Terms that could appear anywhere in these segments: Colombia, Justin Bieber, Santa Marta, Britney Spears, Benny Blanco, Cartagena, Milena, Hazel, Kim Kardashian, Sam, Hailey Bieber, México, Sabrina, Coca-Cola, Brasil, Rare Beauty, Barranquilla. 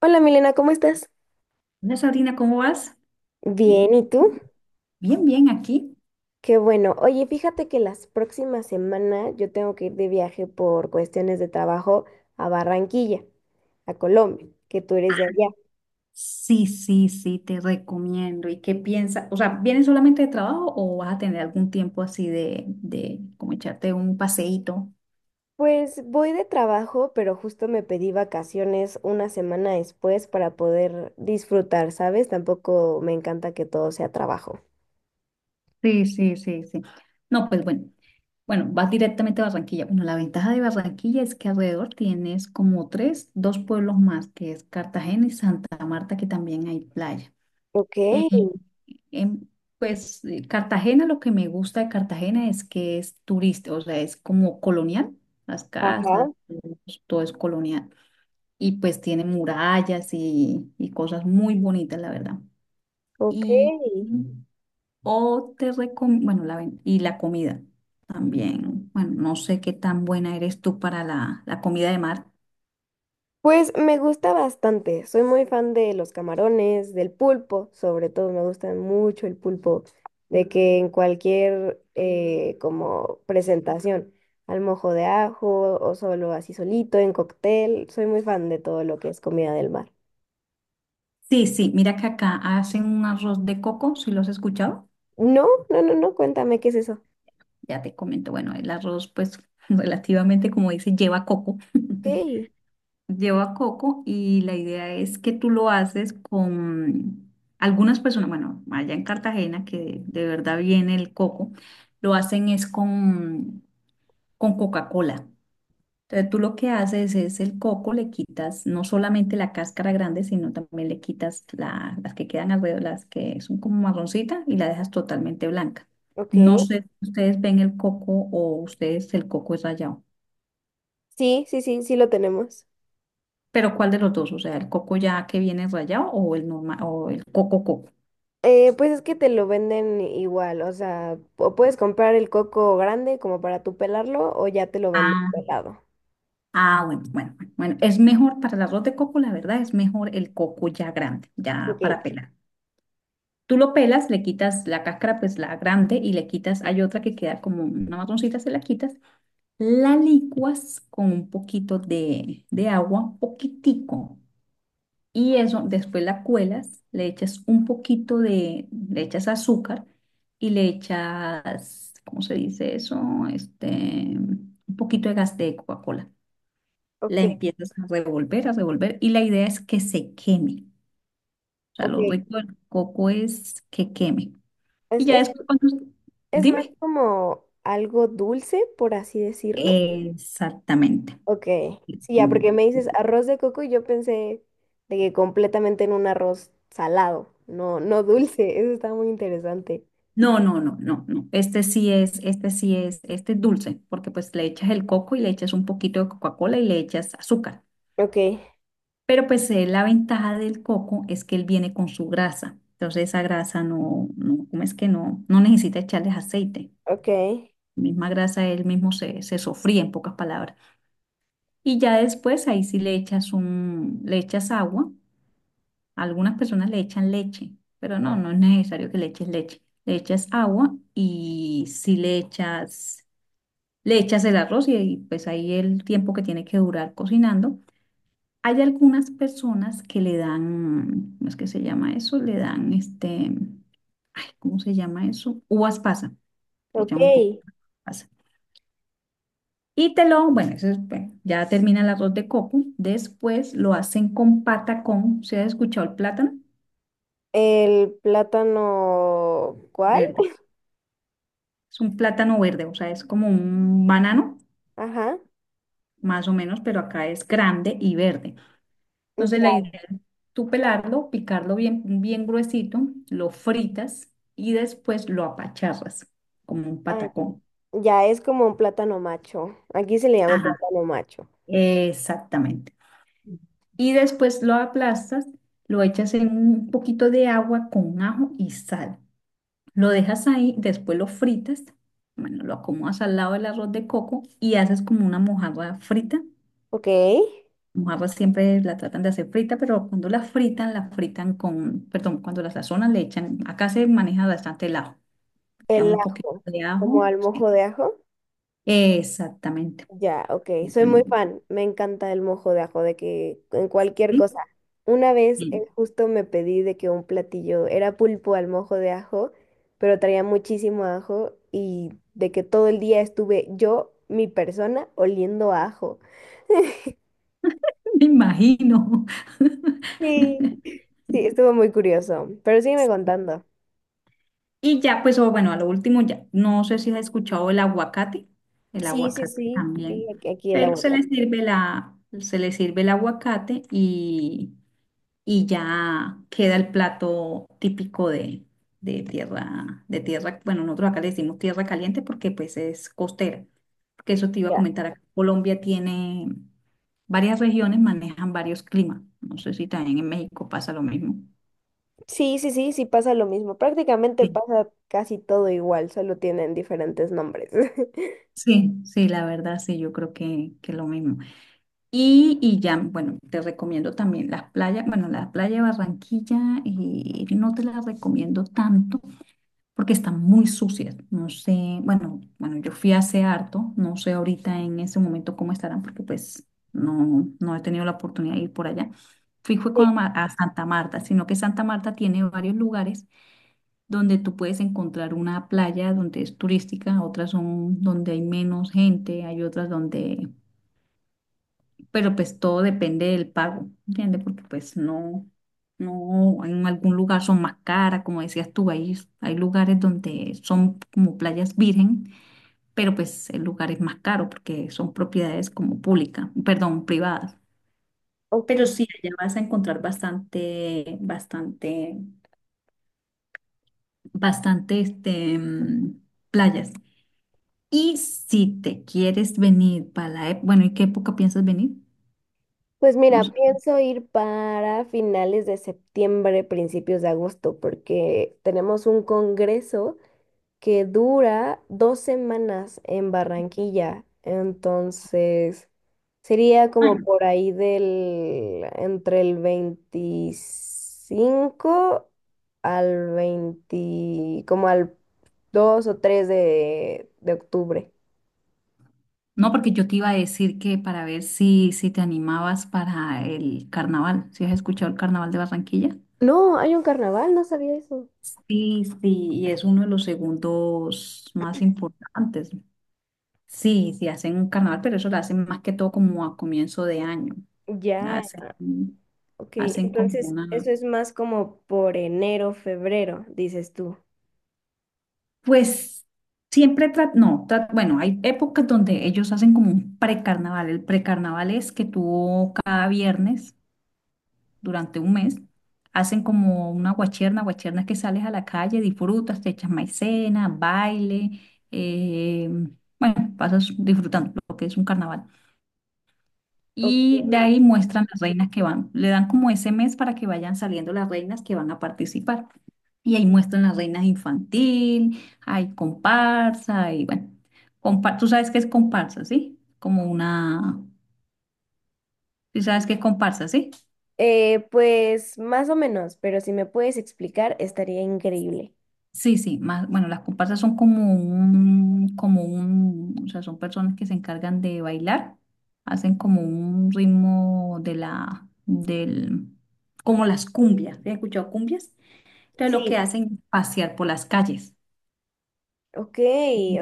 Hola Milena, ¿cómo estás? Hola Sabrina, ¿cómo vas? Bien, ¿y tú? Bien, bien, aquí. Qué bueno. Oye, fíjate que las próximas semanas yo tengo que ir de viaje por cuestiones de trabajo a Barranquilla, a Colombia, que tú eres de allá. Sí, sí, sí, te recomiendo. ¿Y qué piensas? O sea, ¿vienes solamente de trabajo o vas a tener algún tiempo así de como echarte un paseíto? Pues voy de trabajo, pero justo me pedí vacaciones una semana después para poder disfrutar, ¿sabes? Tampoco me encanta que todo sea trabajo. Sí, sí, sí, sí. No, pues bueno, bueno, vas directamente a Barranquilla. Bueno, la ventaja de Barranquilla es que alrededor tienes como tres, dos pueblos más, que es Cartagena y Santa Marta, que también hay playa. Ok, Eh, En, pues Cartagena, lo que me gusta de Cartagena es que es turista, o sea, es como colonial, las ajá, casas, todo es colonial. Y pues tiene murallas y cosas muy bonitas, la verdad. ok. Y mm, bueno, y la comida también. Bueno, no sé qué tan buena eres tú para la comida de mar. Pues me gusta bastante, soy muy fan de los camarones, del pulpo, sobre todo me gusta mucho el pulpo, de que en cualquier como presentación, al mojo de ajo o solo así solito, en cóctel, soy muy fan de todo lo que es comida del mar. Sí, sí, mira que acá hacen un arroz de coco, ¿si lo has escuchado? No, no, no, no, cuéntame qué es eso. Ya te comento, bueno, el arroz pues relativamente como dice, lleva coco. Ok, Lleva coco y la idea es que tú lo haces con algunas personas, bueno, allá en Cartagena que de, verdad viene el coco, lo hacen es con Coca-Cola. Entonces tú lo que haces es el coco, le quitas no solamente la cáscara grande, sino también le quitas las que quedan alrededor, las que son como marroncita y la dejas totalmente blanca. ok, No sé si ustedes ven el coco o ustedes el coco es rallado, sí, sí, sí, sí lo tenemos. pero ¿cuál de los dos? O sea, el coco ya que viene rallado o el normal o el coco coco. Pues es que te lo venden igual, o sea, o puedes comprar el coco grande como para tú pelarlo o ya te lo venden Ah, pelado. ah, bueno, bueno, bueno, bueno, es mejor para el arroz de coco, la verdad, es mejor el coco ya grande, ya Ok, para pelar. Tú lo pelas, le quitas la cáscara, pues la grande, y le quitas, hay otra que queda como una marroncita, se la quitas, la licuas con un poquito de agua, un poquitico, y eso después la cuelas, le echas un poquito de, le echas azúcar y le echas, ¿cómo se dice eso? Este, un poquito de gas de Coca-Cola. La ok, empiezas a revolver, y la idea es que se queme. O sea, ok. lo rico del coco es que queme. Y Es, ya es, después, cuando. es más Dime. como algo dulce, por así decirlo. Exactamente. Ok, sí, ya, Mm. porque me dices arroz de coco y yo pensé de que completamente en un arroz salado, no, no dulce. Eso está muy interesante. No, no, no, no, no. Este sí es, este sí es, este es dulce, porque pues le echas el coco y le echas un poquito de Coca-Cola y le echas azúcar. Ok, Pero pues la ventaja del coco es que él viene con su grasa. Entonces esa grasa ¿cómo es que no? No necesita echarles aceite. ok, La misma grasa él mismo se sofría, en pocas palabras. Y ya después ahí sí le echas un, le echas agua. A algunas personas le echan leche, pero no, no es necesario que le eches leche. Le echas agua y si le echas, le echas el arroz y pues ahí el tiempo que tiene que durar cocinando. Hay algunas personas que le dan, ¿cómo es que se llama eso? Le dan este, ay, ¿cómo se llama eso? Uvas pasa. Le ok. echan un poco de pasa. Y te lo, bueno, eso es, bueno, ya termina el arroz de coco. Después lo hacen con patacón. ¿Se ha escuchado el plátano? El plátano, ¿cuál? ¿Verdad? Es un plátano verde, o sea, es como un banano, Ajá. más o menos, pero acá es grande y verde. Entonces Ya, la idea es tú pelarlo, picarlo bien, bien gruesito, lo fritas y después lo apacharras, como un ah, patacón. ya es como un plátano macho. Aquí se le llama Ajá, plátano macho. exactamente. Y después lo aplastas, lo echas en un poquito de agua con ajo y sal. Lo dejas ahí, después lo fritas, bueno, lo acomodas al lado del arroz de coco y haces como una mojarra frita. Ok. Los arroz siempre la tratan de hacer frita, pero cuando la fritan con, perdón, cuando la sazonan le echan, acá se maneja bastante el ajo, echan El un poquito ajo, de como ajo. al mojo de ajo. Exactamente. Ya, ok. Soy muy fan. Me encanta el mojo de ajo, de que en cualquier cosa. Sí, Una vez sí, justo me pedí de que un platillo era pulpo al mojo de ajo, pero traía muchísimo ajo y de que todo el día estuve yo, mi persona, oliendo a ajo. me imagino. Sí. Sí, estuvo muy curioso. Pero sígueme contando. Y ya, pues, o bueno, a lo último, ya, no sé si has escuchado el Sí, sí, aguacate sí, y también, aquí, aquí el pero se le aguacate. sirve la, se le sirve el aguacate y ya queda el plato típico de tierra, bueno, nosotros acá le decimos tierra caliente porque pues es costera, porque eso te iba a Ya. comentar, acá Colombia tiene varias regiones, manejan varios climas, no sé si también en México pasa lo mismo. Sí, sí, sí, sí pasa lo mismo. Prácticamente Sí, pasa casi todo igual, solo tienen diferentes nombres. sí, sí, la verdad, sí, yo creo que, lo mismo. Y ya, bueno, te recomiendo también las playas, bueno, la playa de Barranquilla, y no te la recomiendo tanto porque están muy sucias. No sé, bueno, bueno, yo fui hace harto, no sé ahorita en ese momento cómo estarán, porque pues no he tenido la oportunidad de ir por allá. Fui fue Sí, con, a Santa Marta, sino que Santa Marta tiene varios lugares donde tú puedes encontrar una playa donde es turística, otras son donde hay menos gente, hay otras donde, pero pues todo depende del pago, ¿entiendes? Porque pues no, no, en algún lugar son más caras, como decías tú, hay lugares donde son como playas virgen, pero pues el lugar es más caro porque son propiedades como públicas, perdón, privadas. ok. Pero sí, allá vas a encontrar bastante, bastante, bastante, este, playas. Y si te quieres venir para la, bueno, ¿y qué época piensas venir? Pues No mira, pienso ir para finales de septiembre, principios de agosto, porque tenemos un congreso que dura dos semanas en Barranquilla. Entonces, sería sé. como por ahí del, entre el 25 al 20, como al 2 o 3 de octubre. No, porque yo te iba a decir que para ver si te animabas para el carnaval, si has escuchado el carnaval de Barranquilla. No, hay un carnaval, no sabía eso. Sí, sí, y es uno de los segundos más importantes. Sí, sí, hacen un carnaval, pero eso lo hacen más que todo como a comienzo de año. Ya. Hacen, Ok, hacen como entonces una, eso es más como por enero, febrero, dices tú. pues siempre, tra- no, tra- bueno, hay épocas donde ellos hacen como un precarnaval. El precarnaval es que tú cada viernes durante un mes, hacen como una guacherna, guacherna es que sales a la calle, disfrutas, te echas maicena, baile, eh, bueno, pasas disfrutando lo que es un carnaval. Ok. Y de ahí muestran las reinas que van, le dan como ese mes para que vayan saliendo las reinas que van a participar. Y ahí muestran las reinas infantil, hay comparsa, y bueno, tú sabes qué es comparsa, ¿sí? Como una, tú sabes qué es comparsa, ¿sí? Pues más o menos, pero si me puedes explicar, estaría increíble. Sí, sí, más, bueno, las comparsas son como un, o sea, son personas que se encargan de bailar, hacen como un ritmo de la, del, como las cumbias, ¿te has escuchado cumbias? Entonces lo que Sí, hacen es pasear por las calles. ok,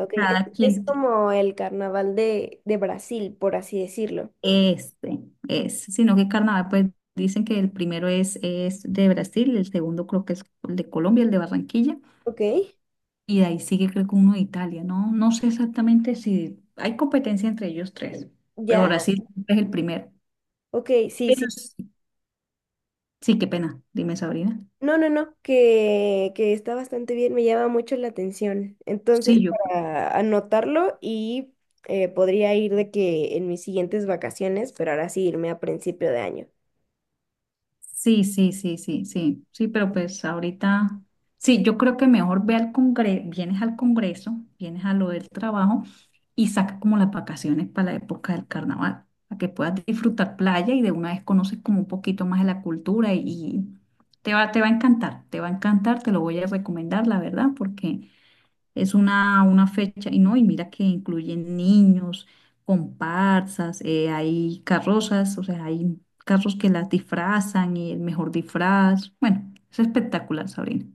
ok. Es, Cada es quien, como el carnaval de Brasil, por así decirlo. este, es, sino que carnaval, pues dicen que el primero es de Brasil, el segundo creo que es el de Colombia, el de Barranquilla, Ok, y de ahí sigue creo que uno de Italia, ¿no? No sé exactamente si hay competencia entre ellos tres, pero ya, Brasil es el primero. ok, sí, sí. Pero sí, sí, qué pena, dime Sabrina. No, no, no, que está bastante bien, me llama mucho la atención. Entonces, Sí, yo. para anotarlo y podría ir de que en mis siguientes vacaciones, pero ahora sí irme a principio de año. Sí, sí, sí, sí, sí, sí, pero pues ahorita, sí, yo creo que mejor ve al congreso, vienes a lo del trabajo y saca como las vacaciones para la época del carnaval, para que puedas disfrutar playa y de una vez conoces como un poquito más de la cultura y te va a encantar, te va a encantar, te lo voy a recomendar, la verdad, porque es una fecha, y no, y mira que incluyen niños, comparsas, hay carrozas, o sea, hay carros que las disfrazan y el mejor disfraz. Bueno, es espectacular, Sabrina.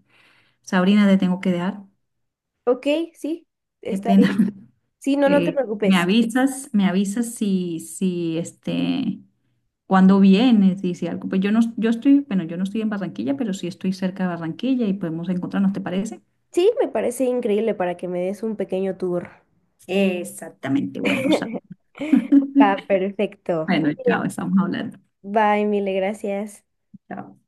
Sabrina, te tengo que dejar. Ok, sí, Qué está bien. pena. Sí, no, no te Me preocupes. avisas, me avisas si este, cuando vienes, y si algo. Pues yo no, yo estoy, bueno, yo no estoy en Barranquilla, pero sí estoy cerca de Barranquilla y podemos encontrarnos, ¿te parece? Sí, me parece increíble para que me des un pequeño tour. Exactamente. Exactamente, bueno, Sam. Va, perfecto. Muy Bueno, chao, bien. estamos hablando. Bye, mil gracias. Chao.